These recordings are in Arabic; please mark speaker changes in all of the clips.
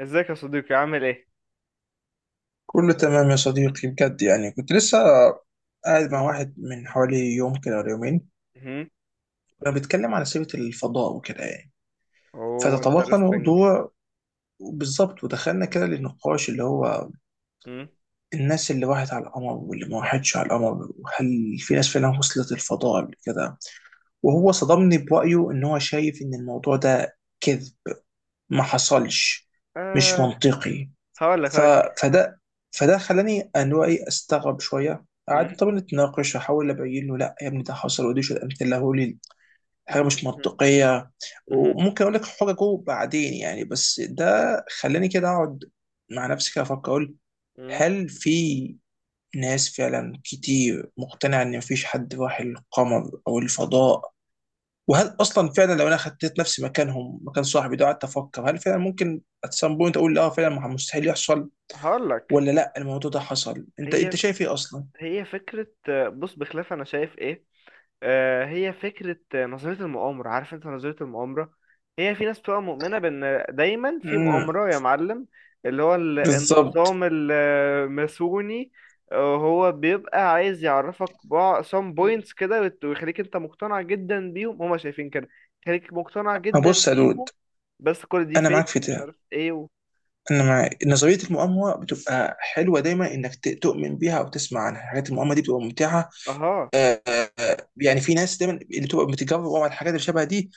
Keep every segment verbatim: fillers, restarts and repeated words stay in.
Speaker 1: ازيك يا صديقي عامل ايه؟
Speaker 2: كله تمام يا صديقي، بجد. يعني كنت لسه قاعد مع
Speaker 1: مم.
Speaker 2: واحد من حوالي يوم كده ولا يومين.
Speaker 1: مهم.
Speaker 2: كنا بنتكلم عن سيرة الفضاء وكده يعني،
Speaker 1: اوه
Speaker 2: فتطرقنا
Speaker 1: انترستنج.
Speaker 2: الموضوع بالظبط، ودخلنا كده للنقاش، اللي هو الناس اللي راحت على القمر واللي ما راحتش على القمر، وهل في ناس فعلا وصلت الفضاء قبل كده. وهو صدمني برأيه إن هو شايف إن الموضوع ده كذب، ما حصلش، مش
Speaker 1: آه.
Speaker 2: منطقي.
Speaker 1: هقول لك
Speaker 2: ف...
Speaker 1: هقول لك
Speaker 2: فده فده خلاني ان هو ايه استغرب شويه. قعدنا طبعا نتناقش، احاول ابين له لا يا ابني ده حصل، ودي شو امثله لي حاجه مش منطقيه. وممكن اقول لك حججه بعدين يعني، بس ده خلاني كده اقعد مع نفسي كده افكر، اقول هل في ناس فعلا كتير مقتنعه ان مفيش حد راح القمر او الفضاء؟ وهل اصلا فعلا لو انا خدت نفسي مكانهم مكان صاحبي ده، قعدت افكر هل فعلا ممكن at some point اقول لا فعلا مستحيل يحصل،
Speaker 1: هقول لك.
Speaker 2: ولا لا الموضوع ده حصل؟ انت
Speaker 1: هي
Speaker 2: انت شايف ايه اصلا؟
Speaker 1: هي فكرة، آه، بص بخلاف انا شايف ايه. آه، هي فكرة، آه، نظرية المؤامرة، عارف انت نظرية المؤامرة. هي في ناس بتبقى مؤمنة بان دايما في
Speaker 2: امم.
Speaker 1: مؤامرة يا معلم. اللي هو ال-
Speaker 2: بالظبط.
Speaker 1: النظام الماسوني. آه، هو بيبقى عايز يعرفك بعض some points كده ويت- ويخليك انت مقتنع جدا بيهم، هما شايفين كده. يخليك مقتنع
Speaker 2: ما
Speaker 1: جدا
Speaker 2: بص يا دود،
Speaker 1: بيهم. بس كل دي
Speaker 2: انا معاك
Speaker 1: فيك
Speaker 2: في
Speaker 1: مش
Speaker 2: ده.
Speaker 1: عارف ايه و...
Speaker 2: انا مع نظريه المؤامره، بتبقى حلوه دايما انك ت- تؤمن بيها او تسمع عنها حاجات، المؤامره دي بتبقى ممتعه.
Speaker 1: اها.
Speaker 2: آه، آه. يعني في ناس دايما اللي بتبقى بتجرب على الحاجات اللي شبه دي،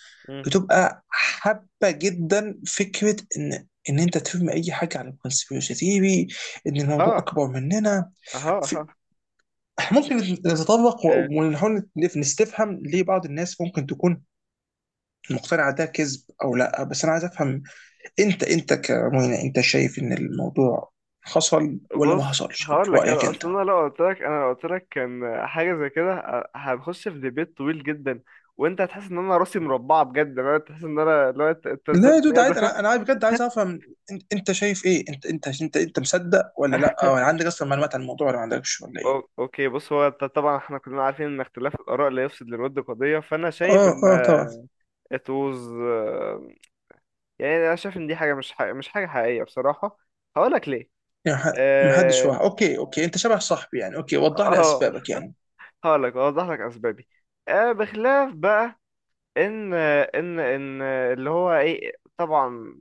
Speaker 2: بتبقى حابه جدا فكره ان ان انت تفهم اي حاجه عن الكونسبيرسي ثيري، ان الموضوع
Speaker 1: اها.
Speaker 2: اكبر مننا.
Speaker 1: اها. اها.
Speaker 2: إحنا ممكن نتطرق و- ونحاول نف- نستفهم ليه بعض الناس ممكن تكون مقتنعة ده كذب أو لأ، بس أنا عايز أفهم. أنت أنت كمهنا، أنت شايف إن الموضوع حصل ولا ما
Speaker 1: بص
Speaker 2: حصلش في
Speaker 1: هقول لك.
Speaker 2: رأيك
Speaker 1: انا
Speaker 2: أنت؟
Speaker 1: اصل انا لو قلت لك انا لو قلت لك كان حاجه زي كده ه- هنخش في ديبيت طويل جدا، وانت هتحس ان انا راسي مربعه بجد. انا تحس ان انا لو انت أنت ازاي
Speaker 2: لا يا دود
Speaker 1: بتلاقي
Speaker 2: عادي،
Speaker 1: ده؟
Speaker 2: أنا أنا عايز- بجد عايز أفهم. أن- أنت شايف إيه؟ أنت أنت أنت أنت مصدق ولا لأ؟ ولا عندك أصلا معلومات عن الموضوع ولا ما عندكش ولا
Speaker 1: أو-
Speaker 2: إيه؟
Speaker 1: اوكي بص. هو ط- طبعا احنا كلنا عارفين ان اختلاف الاراء لا يفسد للود قضيه، فانا شايف
Speaker 2: آه،
Speaker 1: ان
Speaker 2: آه، طبعا.
Speaker 1: it was، آه، يعني انا شايف ان دي حاجه مش حاجة مش حاجه حقيقيه بصراحه. هقول لك ليه.
Speaker 2: يعني ح- محدش
Speaker 1: اه.
Speaker 2: واحد. أوكي أوكي، أنت شبه صاحبي يعني. أوكي وضح لي
Speaker 1: آه،
Speaker 2: أسبابك يعني.
Speaker 1: هقول لك اوضح لك اسبابي. آه، بخلاف بقى ان ان ان اللي هو ايه، طبعا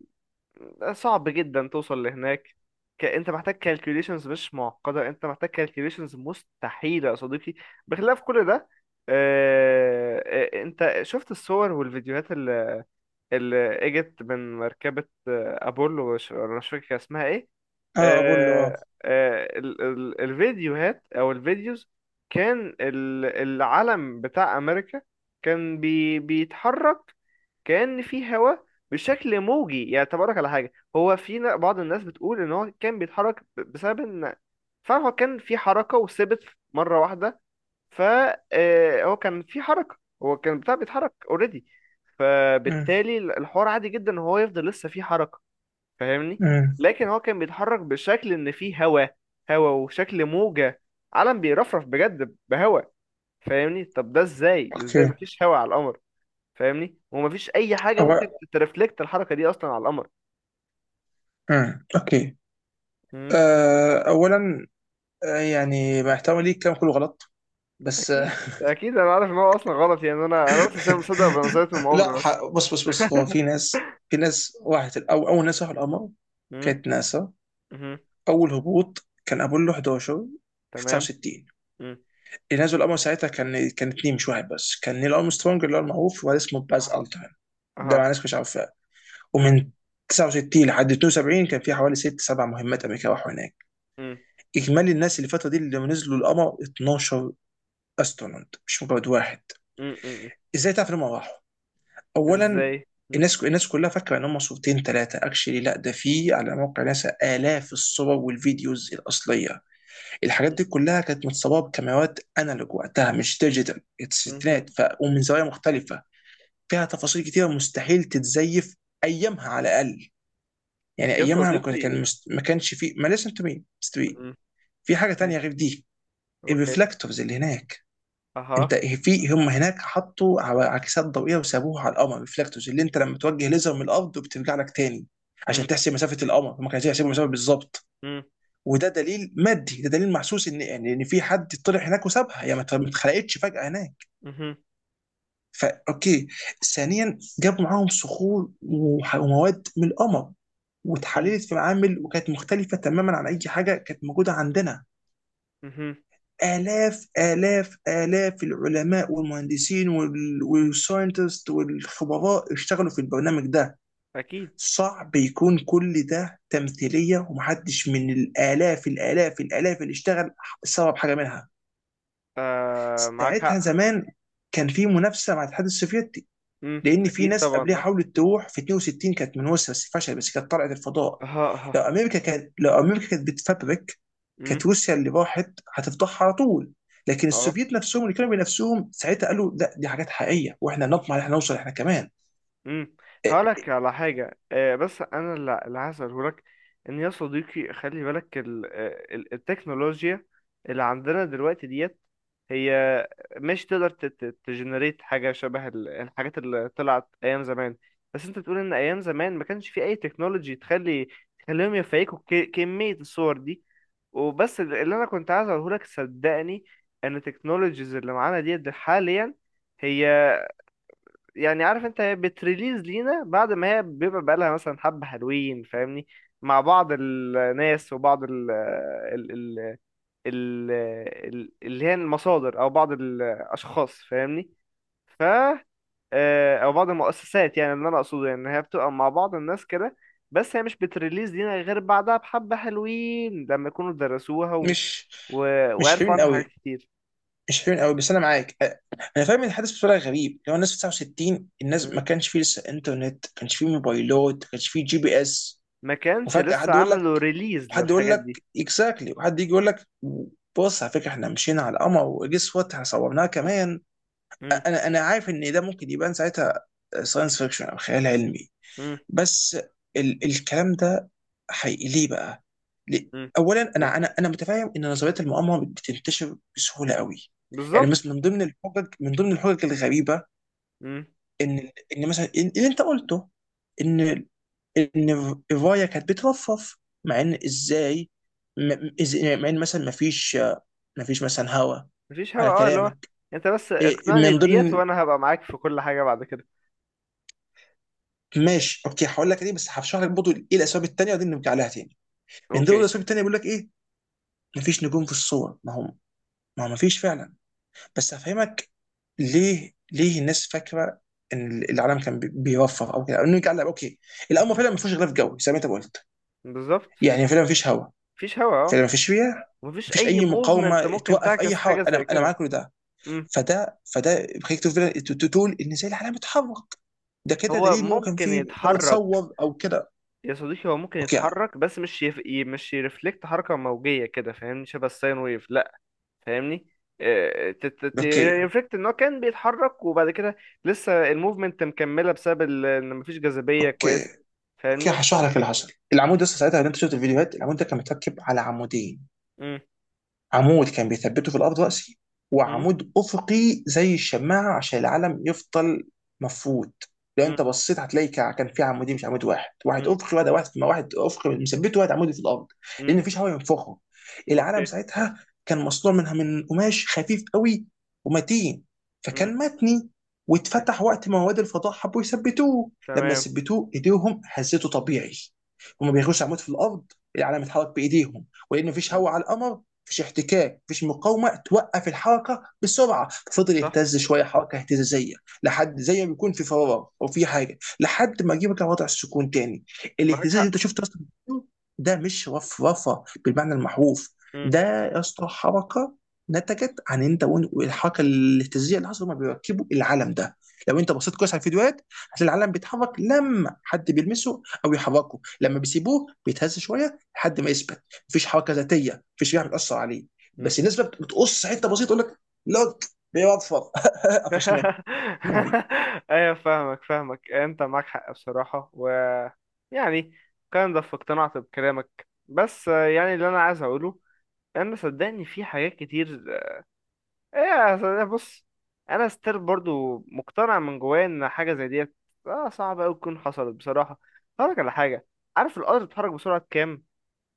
Speaker 1: صعب جدا توصل لهناك. ك... انت محتاج كالكوليشنز مش معقده، انت محتاج كالكوليشنز مستحيله يا صديقي. بخلاف كل ده، آه... آه، انت شفت الصور والفيديوهات اللي, اللي اجت من مركبه، آه، ابولو، مش أنا مش فاكر كان اسمها ايه.
Speaker 2: آه، أقول له آه.
Speaker 1: آه... آه... ال... ال... الفيديوهات او الفيديوز، كان ال... العلم بتاع امريكا كان بي... بيتحرك كأن في هواء، بشكل موجي. يعني تبارك على حاجة، هو في ن- بعض الناس بتقول ان هو كان بيتحرك ب- بسبب ان فعلا هو كان في حركة وثبت مرة واحدة، فهو كان في حركة. هو كان بتاع بيتحرك اوريدي،
Speaker 2: أمم،
Speaker 1: فبالتالي ال- الحوار عادي جدا ان هو يفضل لسه في حركة. فاهمني؟
Speaker 2: أمم.
Speaker 1: لكن هو كان بيتحرك بشكل ان في هواء، هواء وشكل موجة، علم بيرفرف بجد بهواء. فاهمني؟ طب ده ازاي؟ ازاي
Speaker 2: أوكي.
Speaker 1: مفيش هواء على القمر؟ فاهمني؟ ومفيش اي حاجه ممكن ترفلكت الحركه دي اصلا على القمر.
Speaker 2: امم. اوكي.
Speaker 1: امم.
Speaker 2: آه، اولا، آه، يعني مع احترامي ليك الكلام كله غلط، بس آه،
Speaker 1: اكيد اكيد، انا عارف ان هو اصلا غلط، يعني انا انا بس عشان مصدق بنظريه
Speaker 2: لا،
Speaker 1: المؤامره بس.
Speaker 2: ح- بص، بص، بص. هو في ناس، في ناس راحت، او اول ناس راحوا القمر
Speaker 1: مم.
Speaker 2: كانت ناسا.
Speaker 1: مهم.
Speaker 2: اول هبوط كان ابولو إحداشر في
Speaker 1: تمام.
Speaker 2: تسعة وستين.
Speaker 1: مم.
Speaker 2: اللي نزل القمر ساعتها كان كان اتنين مش واحد، بس كان نيل ارمسترونج اللي هو المعروف، وواحد اسمه باز
Speaker 1: اها.
Speaker 2: التران، ده مع
Speaker 1: اها.
Speaker 2: ناس مش عارفاه.
Speaker 1: مم.
Speaker 2: ومن تسعة وستين لحد اتنين وسبعين كان في حوالي ست سبع مهمات، امريكا راحوا هناك.
Speaker 1: مم.
Speaker 2: اجمالي الناس اللي الفتره دي اللي نزلوا القمر اتناشر استرونوت، مش مجرد واحد.
Speaker 1: مم. مم.
Speaker 2: ازاي تعرف ان هم راحوا؟ اولا،
Speaker 1: ازاي؟ مم.
Speaker 2: الناس الناس كلها فاكره ان هم صورتين ثلاثه اكشلي، لا، ده في على موقع ناسا الاف الصور والفيديوز الاصليه. الحاجات دي كلها كانت متصوره بكاميرات انالوج وقتها مش ديجيتال
Speaker 1: مهم.
Speaker 2: الستينات، ف... ومن زوايا مختلفه فيها تفاصيل كتيره مستحيل تتزيف ايامها على الاقل. يعني
Speaker 1: يا
Speaker 2: ايامها ما كان
Speaker 1: صديقي.
Speaker 2: كان مست... ما كانش في، ما لسه انتوا مين.
Speaker 1: مم.
Speaker 2: في حاجه تانية
Speaker 1: اوكي.
Speaker 2: غير دي:
Speaker 1: اوكي.
Speaker 2: الريفلكتورز اللي هناك.
Speaker 1: اها.
Speaker 2: انت في هم هناك حطوا ع- عكسات ضوئيه وسابوها على القمر، ريفلكتورز، اللي انت لما توجه ليزر من الارض وبترجع لك تاني عشان
Speaker 1: مم.
Speaker 2: تحسب مسافه القمر، هم كانوا هيحسبوا المسافه بالظبط.
Speaker 1: مم.
Speaker 2: وده دليل مادي، ده دليل محسوس، ان يعني ان في حد طلع هناك وسابها، يعني ما ت- ما اتخلقتش فجاه هناك.
Speaker 1: مهم.
Speaker 2: فا اوكي، ثانيا جابوا معاهم صخور وح- ومواد من القمر،
Speaker 1: مم.
Speaker 2: واتحللت في معامل وكانت مختلفه تماما عن اي حاجه كانت موجوده عندنا.
Speaker 1: مهم.
Speaker 2: آلاف، آلاف، آلاف العلماء والمهندسين وال- والساينتست والخبراء اشتغلوا في البرنامج ده.
Speaker 1: اكيد.
Speaker 2: صعب يكون كل ده تمثيلية، ومحدش من الآلاف، الآلاف، الآلاف اللي اشتغل سبب حاجة منها.
Speaker 1: آه، معاك
Speaker 2: ساعتها
Speaker 1: حق.
Speaker 2: زمان كان في منافسة مع الاتحاد السوفيتي،
Speaker 1: مم.
Speaker 2: لان في
Speaker 1: اكيد
Speaker 2: ناس
Speaker 1: طبعا
Speaker 2: قبلها
Speaker 1: اه.
Speaker 2: حاولت تروح في اتنين وستين، كانت من روسيا بس فشلت، بس كانت طلعت الفضاء.
Speaker 1: اها.
Speaker 2: لو
Speaker 1: اها.
Speaker 2: امريكا كانت لو امريكا كانت بتفبرك، كانت
Speaker 1: مم.
Speaker 2: روسيا اللي راحت هتفضحها على طول. لكن
Speaker 1: اه.
Speaker 2: السوفييت نفسهم اللي كانوا بنفسهم ساعتها قالوا لا، دي حاجات حقيقيه، واحنا نطمع ان احنا نوصل احنا كمان.
Speaker 1: امم.
Speaker 2: إيه،
Speaker 1: هقولك على حاجة، آه، بس أنا اللي اللي هسأله لك، إن يا صديقي، خلي بالك ال- آه، ال- التكنولوجيا اللي عندنا دلوقتي ديت، هي مش تقدر تجنريت حاجة شبه ال- الحاجات اللي طلعت أيام زمان. بس أنت بتقول إن أيام زمان ما كانش في أي تكنولوجي تخلي، تخليهم يفيكوا ك- كمية الصور دي. وبس اللي أنا كنت عايز أقوله لك، صدقني إن التكنولوجيز اللي معانا ديت حاليا، هي، يعني عارف انت، هي بتريليز لينا بعد ما هي بيبقى بقالها مثلا حبة حلوين. فاهمني؟ مع بعض الناس وبعض ال ال ال ال ال- اللي هي المصادر او بعض الاشخاص. فاهمني؟ ف آه، او بعض المؤسسات. يعني اللي انا اقصده يعني، إن هي بتبقى مع بعض الناس كده، بس هي مش بتريليز لينا غير بعدها بحبة حلوين، لما يكونوا درسوها و...
Speaker 2: مش
Speaker 1: و...
Speaker 2: مش
Speaker 1: وعرفوا
Speaker 2: حلوين
Speaker 1: عنها حاجات
Speaker 2: قوي.
Speaker 1: كتير.
Speaker 2: مش حلوين قوي، بس انا معاك، أ- انا فاهم ان الحدث بطريقه غريب. لو الناس في تسعة وستين، الناس ما
Speaker 1: مم.
Speaker 2: كانش فيه لسه انترنت، ما كانش فيه موبايلات، ما كانش فيه جي بي اس،
Speaker 1: ما كانش
Speaker 2: وفجأة
Speaker 1: لسه
Speaker 2: حد يقول
Speaker 1: عملوا
Speaker 2: لك،
Speaker 1: ريليز
Speaker 2: وحد يقول
Speaker 1: للحاجات دي.
Speaker 2: لك اكزاكتلي وحد يجي يقول لك: بص على فكره احنا مشينا على القمر وجس وات احنا صورناها كمان.
Speaker 1: مم.
Speaker 2: انا انا عارف ان ده ممكن يبان ساعتها ساينس فيكشن او خيال علمي،
Speaker 1: مم.
Speaker 2: بس ال الكلام ده حقيقي. ليه بقى؟ ليه؟
Speaker 1: مم.
Speaker 2: اولا
Speaker 1: إيه؟
Speaker 2: انا انا انا متفاهم ان نظريه المؤامره بتنتشر بسهوله قوي. يعني
Speaker 1: بالظبط.
Speaker 2: مثلا من ضمن الحجج من ضمن الحجج الغريبه،
Speaker 1: مم.
Speaker 2: ان ان مثلا إن- اللي انت قلته، ان ان ايفايا كانت بترفرف، مع ان ازاي، م- إز- يعني مع ان مثلا ما فيش ما فيش مثلا هوا
Speaker 1: مفيش هوا
Speaker 2: على
Speaker 1: اه، اللي هو
Speaker 2: كلامك.
Speaker 1: انت بس
Speaker 2: إيه،
Speaker 1: اقنعني
Speaker 2: من
Speaker 1: بديت،
Speaker 2: ضمن
Speaker 1: وانا هبقى معاك في كل حاجه بعد كده.
Speaker 2: ماشي اوكي، هقول لك ليه، بس هشرح لك برضه ايه الاسباب التانيه، ودي نرجع لها تاني. من ضمن
Speaker 1: اوكي.
Speaker 2: الاسباب التانيه، بيقول لك ايه، ما فيش نجوم في الصور، ما هم ما هو ما فيش فعلا. بس هفهمك ليه. ليه الناس فاكره ان العالم كان بي- بيوفر او كده، أو نرجع لها اوكي. الامر
Speaker 1: مهم.
Speaker 2: فعلا ما فيهوش غلاف جوي زي ما انت قلت،
Speaker 1: بالظبط.
Speaker 2: يعني فعلا ما فيش هوا،
Speaker 1: مفيش هوا
Speaker 2: فعلا
Speaker 1: اه.
Speaker 2: ما فيش رياح،
Speaker 1: مفيش
Speaker 2: مفيش
Speaker 1: اي
Speaker 2: اي
Speaker 1: موفمنت
Speaker 2: مقاومه
Speaker 1: ممكن
Speaker 2: توقف اي
Speaker 1: تعكس حاجه
Speaker 2: حوض،
Speaker 1: زي
Speaker 2: انا انا
Speaker 1: كده.
Speaker 2: معاك كل ده.
Speaker 1: مم.
Speaker 2: فده فده بيخليك تقول فعلاً- تقول ان زي العالم اتحرك، ده كده
Speaker 1: هو
Speaker 2: دليل ان هو كان
Speaker 1: ممكن
Speaker 2: في كان
Speaker 1: يتحرك،
Speaker 2: متصور او كده.
Speaker 1: يا صديقي هو ممكن
Speaker 2: اوكي،
Speaker 1: يتحرك، بس مش يف... ي- مش يرفلكت حركه موجيه كده. فاهمني؟ شبه الساين ويف. لا، فاهمني؟
Speaker 2: اوكي،
Speaker 1: ريفلكت ان هو كان بيتحرك، وبعد كده لسه الموفمنت مكمله بسبب ال- ان مفيش جاذبيه
Speaker 2: اوكي،
Speaker 1: كويسه.
Speaker 2: اوكي.
Speaker 1: فاهمني؟
Speaker 2: هشرح لك اللي حصل. العمود
Speaker 1: مم.
Speaker 2: ده ساعتها، لو انت شفت الفيديوهات، العمود ده كان متركب على عمودين.
Speaker 1: مم.
Speaker 2: عمود كان بيثبته في الارض راسي،
Speaker 1: مم.
Speaker 2: وعمود افقي زي الشماعه عشان العلم يفضل مفروض. لو
Speaker 1: مم.
Speaker 2: انت بصيت هتلاقي كا- كان في عمودين مش عمود واحد، واحد
Speaker 1: مم.
Speaker 2: افقي واحد واحد ما واحد افقي مثبته واحد عمودي في الارض، لان
Speaker 1: مم.
Speaker 2: مفيش هواء ينفخه. العلم
Speaker 1: اوكي.
Speaker 2: ساعتها كان مصنوع منها من قماش خفيف قوي ومتين،
Speaker 1: مم.
Speaker 2: فكان متني.
Speaker 1: ت-
Speaker 2: واتفتح وقت ما رواد الفضاء حبوا يثبتوه، لما
Speaker 1: تمام.
Speaker 2: ثبتوه ايديهم هزته طبيعي، هما بيغوصوا عمود في الارض، العلم اتحرك بايديهم. ولان مفيش
Speaker 1: مم.
Speaker 2: هواء على القمر، مفيش احتكاك، مفيش مقاومه توقف الحركه بسرعه، فضل
Speaker 1: صح.
Speaker 2: يهتز شويه، حركه اهتزازيه، لحد، زي ما بيكون في فراغ او في حاجه، لحد ما يجيبك لوضع السكون تاني.
Speaker 1: معاك
Speaker 2: الاهتزاز اللي
Speaker 1: حق.
Speaker 2: انت شفته اصلا ده مش رفرفه بالمعنى المحروف.
Speaker 1: مم.
Speaker 2: ده يا اسطى حركه نتجت عن انت والحركه الاهتزازيه اللي حصلت، هما بيركبوا العلم ده. لو انت بصيت كويس على الفيديوهات، هتلاقي العلم بيتحرك لما حد بيلمسه او يحركه، لما بيسيبوه بيتهز شويه لحد ما يثبت. مفيش حركه ذاتيه، مفيش ريحه
Speaker 1: مم.
Speaker 2: بتاثر عليه.
Speaker 1: مم.
Speaker 2: بس الناس بقى بتقص حته بسيطه تقول لك: لوك، بيوفر! قفشناك! نو واي!
Speaker 1: ايوه فاهمك فاهمك انت معاك حق بصراحة. و يعني كان ده في، اقتنعت بكلامك. بس، آه، يعني اللي انا عايز اقوله، انا صدقني في حاجات كتير. ايه، صدقني، بص، انا ستيل برضو مقتنع من جوايا ان حاجة زي ديت، آه، صعب اوي تكون حصلت بصراحة. هقولك على حاجة، عارف القطر بيتحرك بسرعة كام؟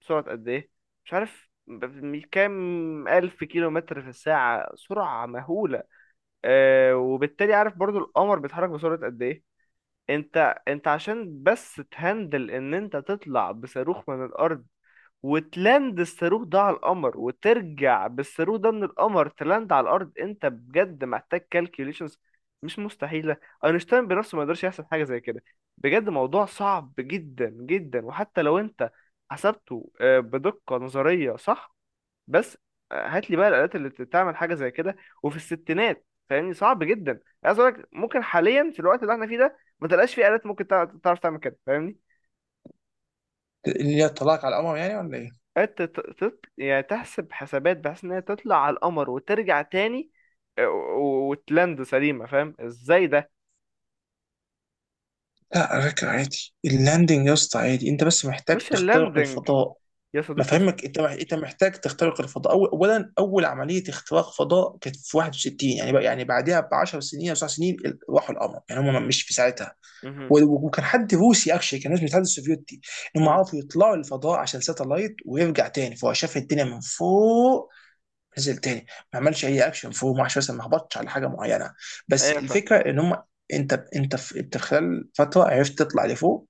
Speaker 1: بسرعة قد إيه؟ مش عارف ب- ب- كام ألف كيلو متر في الساعة، سرعة مهولة. آه، وبالتالي عارف برضو القمر بيتحرك بسرعة قد إيه؟ أنت أنت عشان بس تهندل إن أنت تطلع بصاروخ من الأرض، وتلاند الصاروخ ده على القمر، وترجع بالصاروخ ده من القمر تلاند على الارض، انت بجد محتاج كالكوليشنز مش مستحيله. اينشتاين بنفسه ما يقدرش يحسب حاجه زي كده، بجد موضوع صعب جدا جدا. وحتى لو انت حسبته، آه، بدقه نظريه صح، بس، آه، هات لي بقى الالات اللي تعمل حاجه زي كده، وفي الستينات. فاهمني؟ صعب جدا. عايز اقول لك ممكن حاليا في الوقت اللي احنا فيه ده ما تلقاش فيه الات ممكن تع- تعرف تعمل كده. فاهمني؟
Speaker 2: اللي هي الطلاق على القمر يعني ولا ايه؟
Speaker 1: انت ت- تط... يعني تحسب حسابات بحيث ان هي تطلع على القمر وترجع تاني، آه، و- وتلاند سليمة. فاهم ازاي ده؟
Speaker 2: لا، على فكره عادي اللاندنج يا اسطى، عادي، انت بس محتاج
Speaker 1: مش
Speaker 2: تخترق
Speaker 1: اللاندنج
Speaker 2: الفضاء.
Speaker 1: يا
Speaker 2: ما
Speaker 1: صديقي، اسم...
Speaker 2: فهمك. انت مح- انت محتاج تخترق الفضاء أول. اولا اول عمليه اختراق فضاء كانت في واحد وستين، يعني بقى يعني بعدها ب عشرة سنين او تسع سنين ال- راحوا القمر، يعني هم مش
Speaker 1: مهم.
Speaker 2: في ساعتها.
Speaker 1: مهم.
Speaker 2: و- وكان حد روسي اكشلي، كان ناس من الاتحاد السوفيتي، انهم
Speaker 1: مهم.
Speaker 2: عرفوا يطلعوا للفضاء عشان ساتلايت، ويرجع تاني فهو شاف الدنيا من فوق، نزل تاني، ما عملش
Speaker 1: مهم.
Speaker 2: اي اكشن فوق، ما عملش مثلا ما هبطش على حاجه معينه. بس
Speaker 1: ايوه
Speaker 2: الفكره
Speaker 1: فاهمك.
Speaker 2: ان هم، انت انت في انت خلال فتره عرفت تطلع لفوق،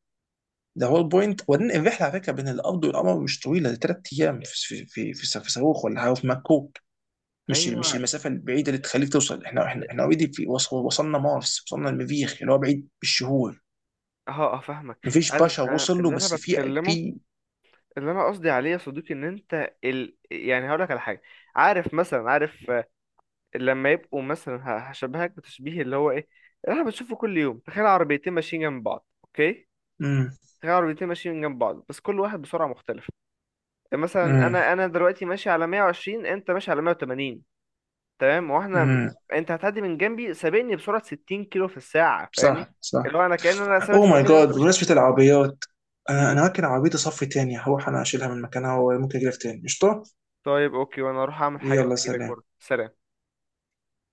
Speaker 2: ده هو البوينت. وبعدين الرحله على فكره بين الارض والقمر مش طويله، دي تلات ايام في في في, في صاروخ ولا حاجه في مكوك. مش مش
Speaker 1: ايوه
Speaker 2: المسافه البعيده اللي تخليك توصل، احنا احنا احنا اوريدي في وص- وصلنا مارس، وصلنا المريخ اللي هو بعيد بالشهور.
Speaker 1: اه اه فاهمك.
Speaker 2: مفيش
Speaker 1: عايز،
Speaker 2: باشا
Speaker 1: آه،
Speaker 2: وصل له،
Speaker 1: اللي انا
Speaker 2: بس في
Speaker 1: بتكلمه،
Speaker 2: في
Speaker 1: اللي انا قصدي عليه يا صديقي، ان انت ال... يعني هقول لك على حاجه. عارف مثلا، عارف، آه، لما يبقوا مثلا ه- هشبهك بتشبيه اللي هو ايه، اللي احنا بنشوفه كل يوم. تخيل عربيتين ماشيين جنب بعض، اوكي؟
Speaker 2: امم،
Speaker 1: هي عربيتين ماشيين من جنب بعض بس كل واحد بسرعة مختلفة. يعني مثلا
Speaker 2: امم،
Speaker 1: انا انا دلوقتي ماشي على مية وعشرين، انت ماشي على مئة وثمانون. تمام؟ واحنا
Speaker 2: امم.
Speaker 1: انت هتعدي من جنبي سابقني بسرعة ستين كيلو في الساعة. فاهمني؟
Speaker 2: صح، صح.
Speaker 1: اللي هو انا كأن انا ثابت
Speaker 2: اوه
Speaker 1: في
Speaker 2: ماي
Speaker 1: مكاني،
Speaker 2: جاد،
Speaker 1: وانت ماشي بس.
Speaker 2: بمناسبة العربيات، انا انا
Speaker 1: امم.
Speaker 2: ممكن عربيتي صف تاني، هروح انا اشيلها من مكانها، وممكن اجيلك تاني. قشطة.
Speaker 1: طيب اوكي، وانا اروح اعمل حاجة
Speaker 2: يلا،
Speaker 1: واجي لك
Speaker 2: سلام.
Speaker 1: برضه. سلام.